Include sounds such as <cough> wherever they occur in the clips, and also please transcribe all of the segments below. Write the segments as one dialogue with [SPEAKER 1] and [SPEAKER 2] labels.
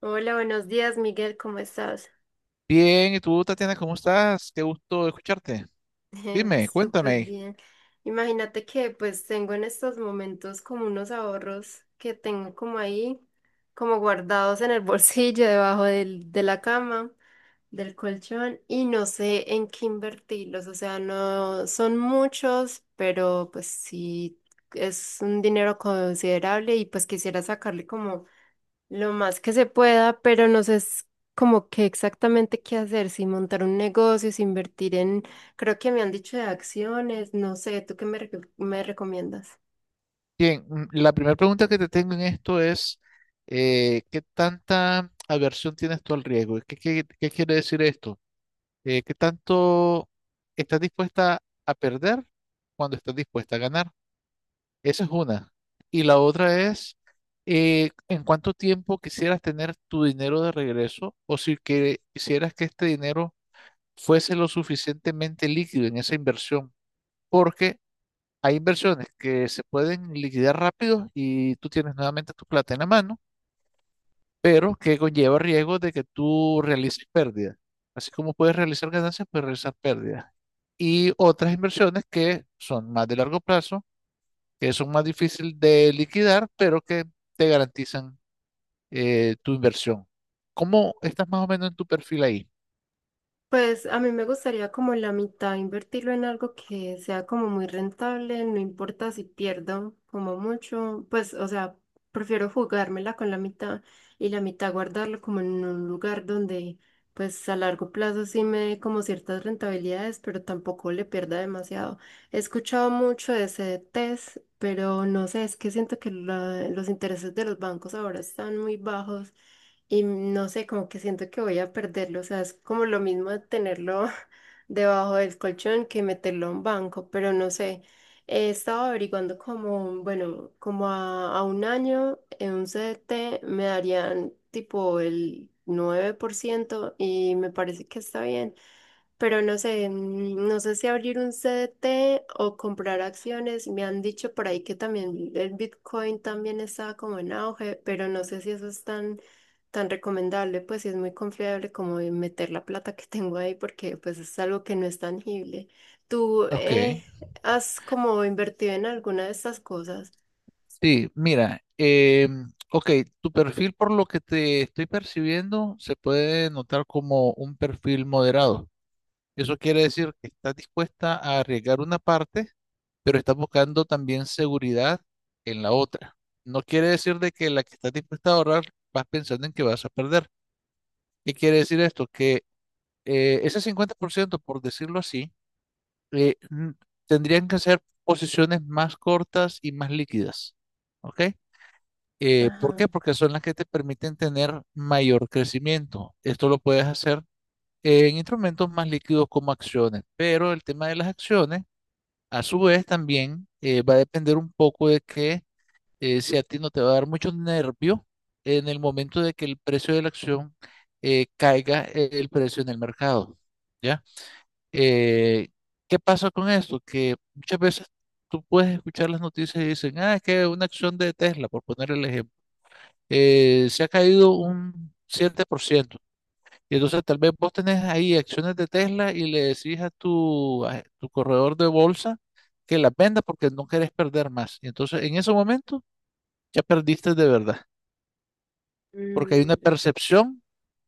[SPEAKER 1] Hola, buenos días, Miguel, ¿cómo estás?
[SPEAKER 2] Bien, ¿y tú, Tatiana, cómo estás? Qué gusto escucharte.
[SPEAKER 1] <laughs>
[SPEAKER 2] Dime,
[SPEAKER 1] Súper
[SPEAKER 2] cuéntame.
[SPEAKER 1] bien. Imagínate que pues tengo en estos momentos como unos ahorros que tengo como ahí, como guardados en el <laughs> bolsillo, debajo de la cama, del colchón, y no sé en qué invertirlos. O sea, no son muchos, pero pues sí es un dinero considerable y pues quisiera sacarle como lo más que se pueda, pero no sé, es como qué exactamente qué hacer, si montar un negocio, si invertir en, creo que me han dicho de acciones, no sé, ¿tú qué me recomiendas?
[SPEAKER 2] Bien, la primera pregunta que te tengo en esto es, ¿qué tanta aversión tienes tú al riesgo? ¿Qué, qué quiere decir esto? ¿Qué tanto estás dispuesta a perder cuando estás dispuesta a ganar? Esa es una. Y la otra es, ¿en cuánto tiempo quisieras tener tu dinero de regreso? O si que, quisieras que este dinero fuese lo suficientemente líquido en esa inversión porque hay inversiones que se pueden liquidar rápido y tú tienes nuevamente tu plata en la mano, pero que conlleva riesgo de que tú realices pérdidas. Así como puedes realizar ganancias, puedes realizar pérdidas. Y otras inversiones que son más de largo plazo, que son más difíciles de liquidar, pero que te garantizan tu inversión. ¿Cómo estás más o menos en tu perfil ahí?
[SPEAKER 1] Pues a mí me gustaría como la mitad invertirlo en algo que sea como muy rentable, no importa si pierdo como mucho, pues o sea, prefiero jugármela con la mitad y la mitad guardarlo como en un lugar donde pues a largo plazo sí me dé como ciertas rentabilidades, pero tampoco le pierda demasiado. He escuchado mucho de ese test, pero no sé, es que siento que los intereses de los bancos ahora están muy bajos y no sé, como que siento que voy a perderlo, o sea, es como lo mismo de tenerlo <laughs> debajo del colchón que meterlo a un banco, pero no sé, he estado averiguando como, bueno, como a un año en un CDT me darían tipo el 9% y me parece que está bien. Pero no sé si abrir un CDT o comprar acciones. Me han dicho por ahí que también el Bitcoin también estaba como en auge, pero no sé si eso es tan, tan recomendable, pues si es muy confiable como de meter la plata que <laughs> tengo ahí porque pues es algo que no es tangible. ¿Tú
[SPEAKER 2] Ok.
[SPEAKER 1] has como invertido en alguna de estas cosas?
[SPEAKER 2] Sí, mira, ok, tu perfil por lo que te estoy percibiendo se puede notar como un perfil moderado. Eso quiere decir que estás dispuesta a arriesgar una parte, pero estás buscando también seguridad en la otra. No quiere decir de que la que estás dispuesta a ahorrar vas pensando en que vas a perder. ¿Qué quiere decir esto? Que ese 50%, por ciento, por decirlo así, eh, n- tendrían que ser posiciones más cortas y más líquidas. ¿Ok? ¿Por
[SPEAKER 1] Ajá.
[SPEAKER 2] qué? Porque son las que te permiten tener mayor crecimiento. Esto lo puedes hacer en instrumentos más líquidos como acciones, pero el tema de las acciones, a su vez, también va a depender un poco de que si a ti no te va a dar mucho nervio en el momento de que el precio de la acción caiga el precio en el mercado. ¿Ya? Eh, ¿qué pasa con esto? Que muchas veces tú puedes escuchar las noticias y dicen, ah, es que una acción de Tesla, por poner el ejemplo se ha caído un 7%. Y entonces tal vez vos tenés ahí acciones de Tesla y le decís a tu corredor de bolsa que las venda porque no querés perder más. Y entonces en ese momento ya perdiste de verdad, porque hay una
[SPEAKER 1] Mm.
[SPEAKER 2] percepción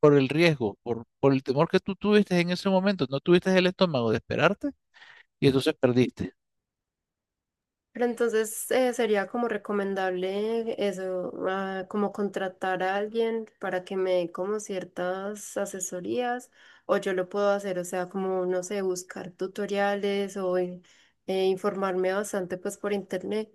[SPEAKER 2] por el riesgo, por el temor que tú tuviste en ese momento, no tuviste el estómago de esperarte y entonces perdiste.
[SPEAKER 1] Pero entonces, sería como recomendable eso, ah, como contratar a alguien para que me dé como ciertas asesorías o yo lo puedo hacer, o sea, como, no sé, buscar tutoriales o informarme bastante pues por internet,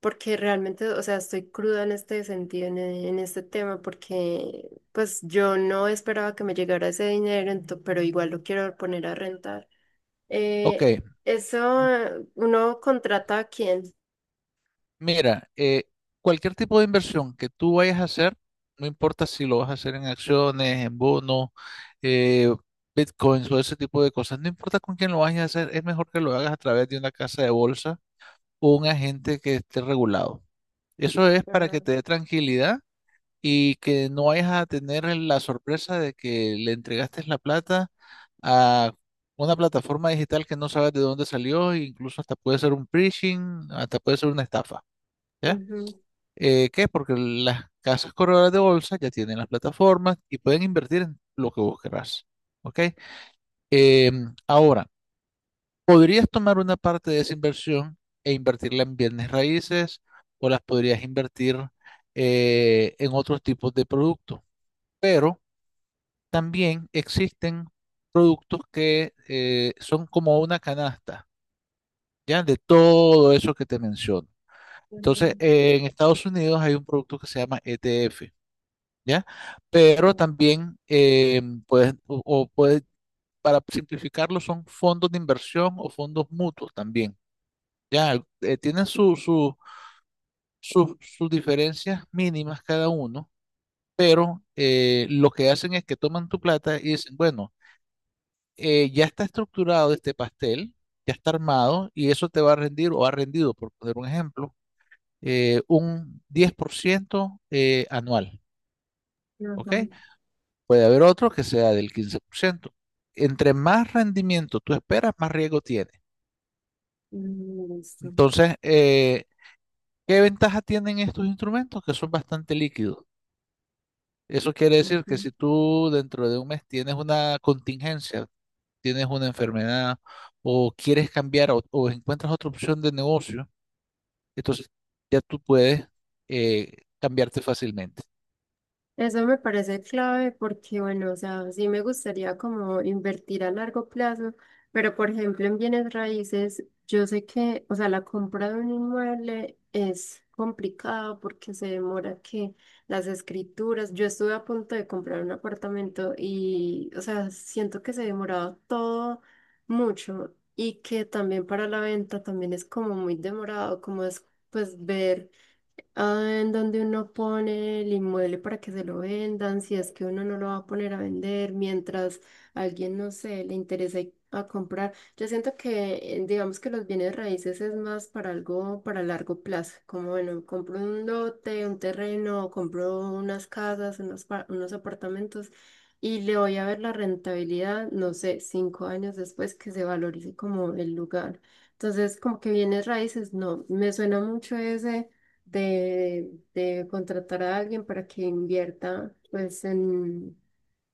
[SPEAKER 1] porque realmente, o sea, estoy cruda en este sentido, en, en este tema, porque pues yo no esperaba que me llegara ese dinero, pero igual lo quiero poner a rentar.
[SPEAKER 2] Ok.
[SPEAKER 1] Eso, ¿uno contrata a quién?
[SPEAKER 2] Mira, cualquier tipo de inversión que tú vayas a hacer, no importa si lo vas a hacer en acciones, en bonos, eh, bitcoins o ese tipo de cosas, no importa con quién lo vayas a hacer, es mejor que lo hagas a través de una casa de bolsa o un agente que esté regulado. Eso es para que
[SPEAKER 1] Ah.
[SPEAKER 2] te dé tranquilidad y que no vayas a tener la sorpresa de que le entregaste la plata a una plataforma digital que no sabes de dónde salió, e incluso hasta puede ser un phishing, hasta puede ser una estafa. ¿Ya?
[SPEAKER 1] Ujú,
[SPEAKER 2] ¿Qué? Porque las casas corredoras de bolsa ya tienen las plataformas y pueden invertir en lo que vos querrás. ¿Ok? Ahora, podrías tomar una parte de esa inversión e invertirla en bienes raíces o las podrías invertir en otros tipos de productos. Pero también existen productos que son como una canasta, ¿ya? De todo eso que te menciono.
[SPEAKER 1] ujú,
[SPEAKER 2] Entonces, en Estados Unidos hay un producto que se llama ETF. ¿Ya? Pero
[SPEAKER 1] ujú,
[SPEAKER 2] también puedes, o puedes, para simplificarlo, son fondos de inversión o fondos mutuos también, ¿ya? Tienen sus diferencias mínimas cada uno, pero lo que hacen es que toman tu plata y dicen, bueno, ya está estructurado este pastel, ya está armado y eso te va a rendir o ha rendido, por poner un ejemplo, un 10% anual, ¿ok?
[SPEAKER 1] ujú.
[SPEAKER 2] Puede haber otro que sea del 15%. Entre más rendimiento tú esperas, más riesgo tiene.
[SPEAKER 1] Mm. Listo.
[SPEAKER 2] Entonces, ¿qué ventaja tienen estos instrumentos? Que son bastante líquidos. Eso quiere decir
[SPEAKER 1] Ujú.
[SPEAKER 2] que si tú dentro de un mes tienes una contingencia, tienes una enfermedad o quieres cambiar o encuentras otra opción de negocio, entonces ya tú puedes cambiarte fácilmente.
[SPEAKER 1] Eso me parece clave porque, bueno, o sea, sí me gustaría como invertir a largo plazo, pero por ejemplo en bienes raíces, yo sé que, o sea, la compra de un inmueble es complicado porque se demora que las escrituras, yo estuve a punto de comprar un apartamento y, o sea, siento que se demoraba todo mucho y que también para la venta también es como muy demorado, como es pues ver ah, en donde uno pone el inmueble para que se lo vendan, si es que uno no lo va a poner a vender, mientras a alguien, no sé, le interesa a comprar. Yo siento que, digamos que los bienes raíces es más para algo, para largo plazo, como bueno, compro un lote, un terreno, compro unas casas, unos, unos apartamentos y le voy a ver la rentabilidad, no sé, 5 años después que se valorice como el lugar. Entonces, como que bienes raíces, no, me suena mucho ese de contratar a alguien para que invierta pues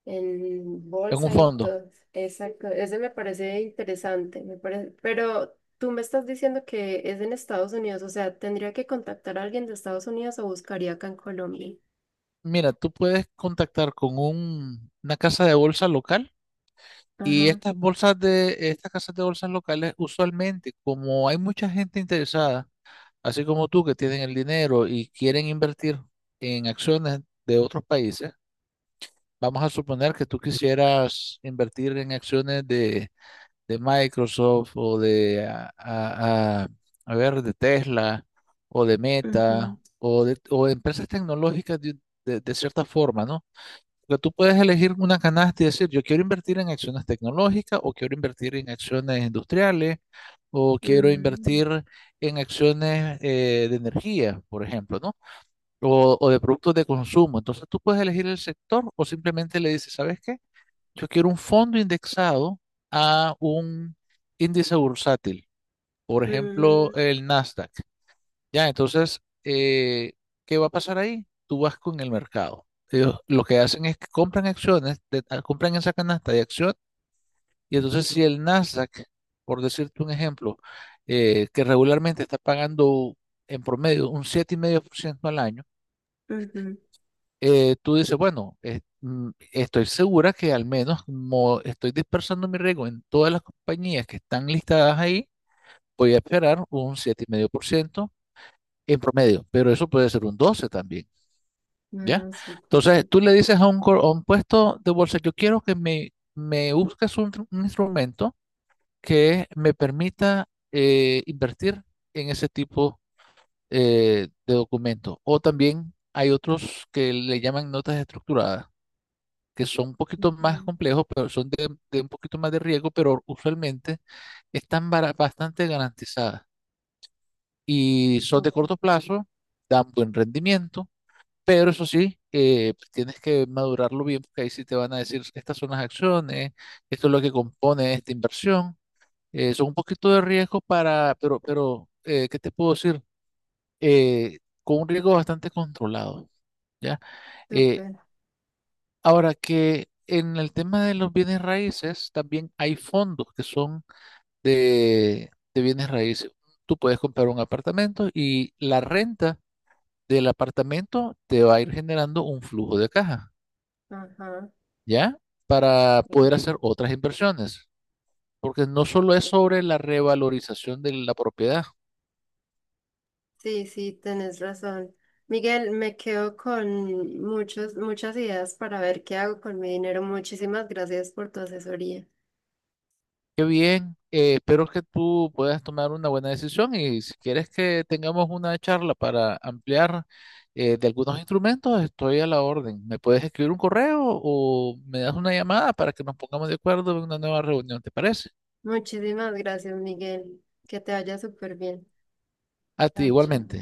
[SPEAKER 1] en
[SPEAKER 2] En un
[SPEAKER 1] bolsa y
[SPEAKER 2] fondo,
[SPEAKER 1] todo. Exacto, ese me parece interesante, me parece, pero tú me estás diciendo que es en Estados Unidos, o sea, tendría que contactar a alguien de Estados Unidos o buscaría acá en Colombia.
[SPEAKER 2] mira, tú puedes contactar con una casa de bolsa local. Y
[SPEAKER 1] Ajá.
[SPEAKER 2] estas bolsas estas casas de bolsas locales, usualmente, como hay mucha gente interesada, así como tú que tienen el dinero y quieren invertir en acciones de otros países, vamos a suponer que tú quisieras invertir en acciones de Microsoft o de, a ver, de Tesla o de
[SPEAKER 1] Ujú.
[SPEAKER 2] Meta o o empresas tecnológicas de cierta forma, ¿no? Porque tú puedes elegir una canasta y decir, yo quiero invertir en acciones tecnológicas o quiero invertir en acciones industriales o quiero
[SPEAKER 1] Mm.
[SPEAKER 2] invertir en acciones de energía, por ejemplo, ¿no? O de productos de consumo. Entonces tú puedes elegir el sector o simplemente le dices, ¿sabes qué? Yo quiero un fondo indexado a un índice bursátil, por ejemplo,
[SPEAKER 1] Mm.
[SPEAKER 2] el Nasdaq. Ya, entonces, ¿qué va a pasar ahí? Tú vas con el mercado. Ellos lo que hacen es que compran acciones, compran esa canasta de acción, y entonces si el Nasdaq, por decirte un ejemplo, que regularmente está pagando en promedio un 7,5% al año,
[SPEAKER 1] Ujú.
[SPEAKER 2] tú dices, bueno, estoy segura que al menos como estoy dispersando mi riesgo en todas las compañías que están listadas ahí, voy a esperar un 7,5% en promedio, pero eso puede ser un 12 también. ¿Ya?
[SPEAKER 1] Ah, súper,
[SPEAKER 2] Entonces,
[SPEAKER 1] sí.
[SPEAKER 2] tú le dices a a un puesto de bolsa, yo quiero que me busques un instrumento que me permita invertir en ese tipo de documento. O también hay otros que le llaman notas estructuradas, que son un poquito más
[SPEAKER 1] Ujú.
[SPEAKER 2] complejos, pero son de un poquito más de riesgo, pero usualmente están bastante garantizadas y son de
[SPEAKER 1] Súper,
[SPEAKER 2] corto plazo, dan buen rendimiento pero eso sí, tienes que madurarlo bien, porque ahí sí te van a decir, estas son las acciones, esto es lo que compone esta inversión. Son un poquito de riesgo para, pero ¿qué te puedo decir? Eh, con un riesgo bastante controlado, ¿ya? Eh,
[SPEAKER 1] súper.
[SPEAKER 2] ahora que en el tema de los bienes raíces, también hay fondos que son de bienes raíces. Tú puedes comprar un apartamento y la renta del apartamento te va a ir generando un flujo de caja.
[SPEAKER 1] Ajá.
[SPEAKER 2] ¿Ya? Para
[SPEAKER 1] Mm,
[SPEAKER 2] poder hacer otras inversiones, porque no solo es sobre
[SPEAKER 1] súper.
[SPEAKER 2] la revalorización de la propiedad.
[SPEAKER 1] Sí, sí, tenés razón. Miguel, me quedo con muchos, muchas ideas para ver qué hago con mi dinero. Muchísimas gracias por tu asesoría.
[SPEAKER 2] Qué bien, espero que tú puedas tomar una buena decisión y si quieres que tengamos una charla para ampliar de algunos instrumentos, estoy a la orden. ¿Me puedes escribir un correo o me das una llamada para que nos pongamos de acuerdo en una nueva reunión? ¿Te parece?
[SPEAKER 1] Muchísimas gracias, Miguel. Que te vaya súper bien.
[SPEAKER 2] A ti
[SPEAKER 1] Chao, chao.
[SPEAKER 2] igualmente.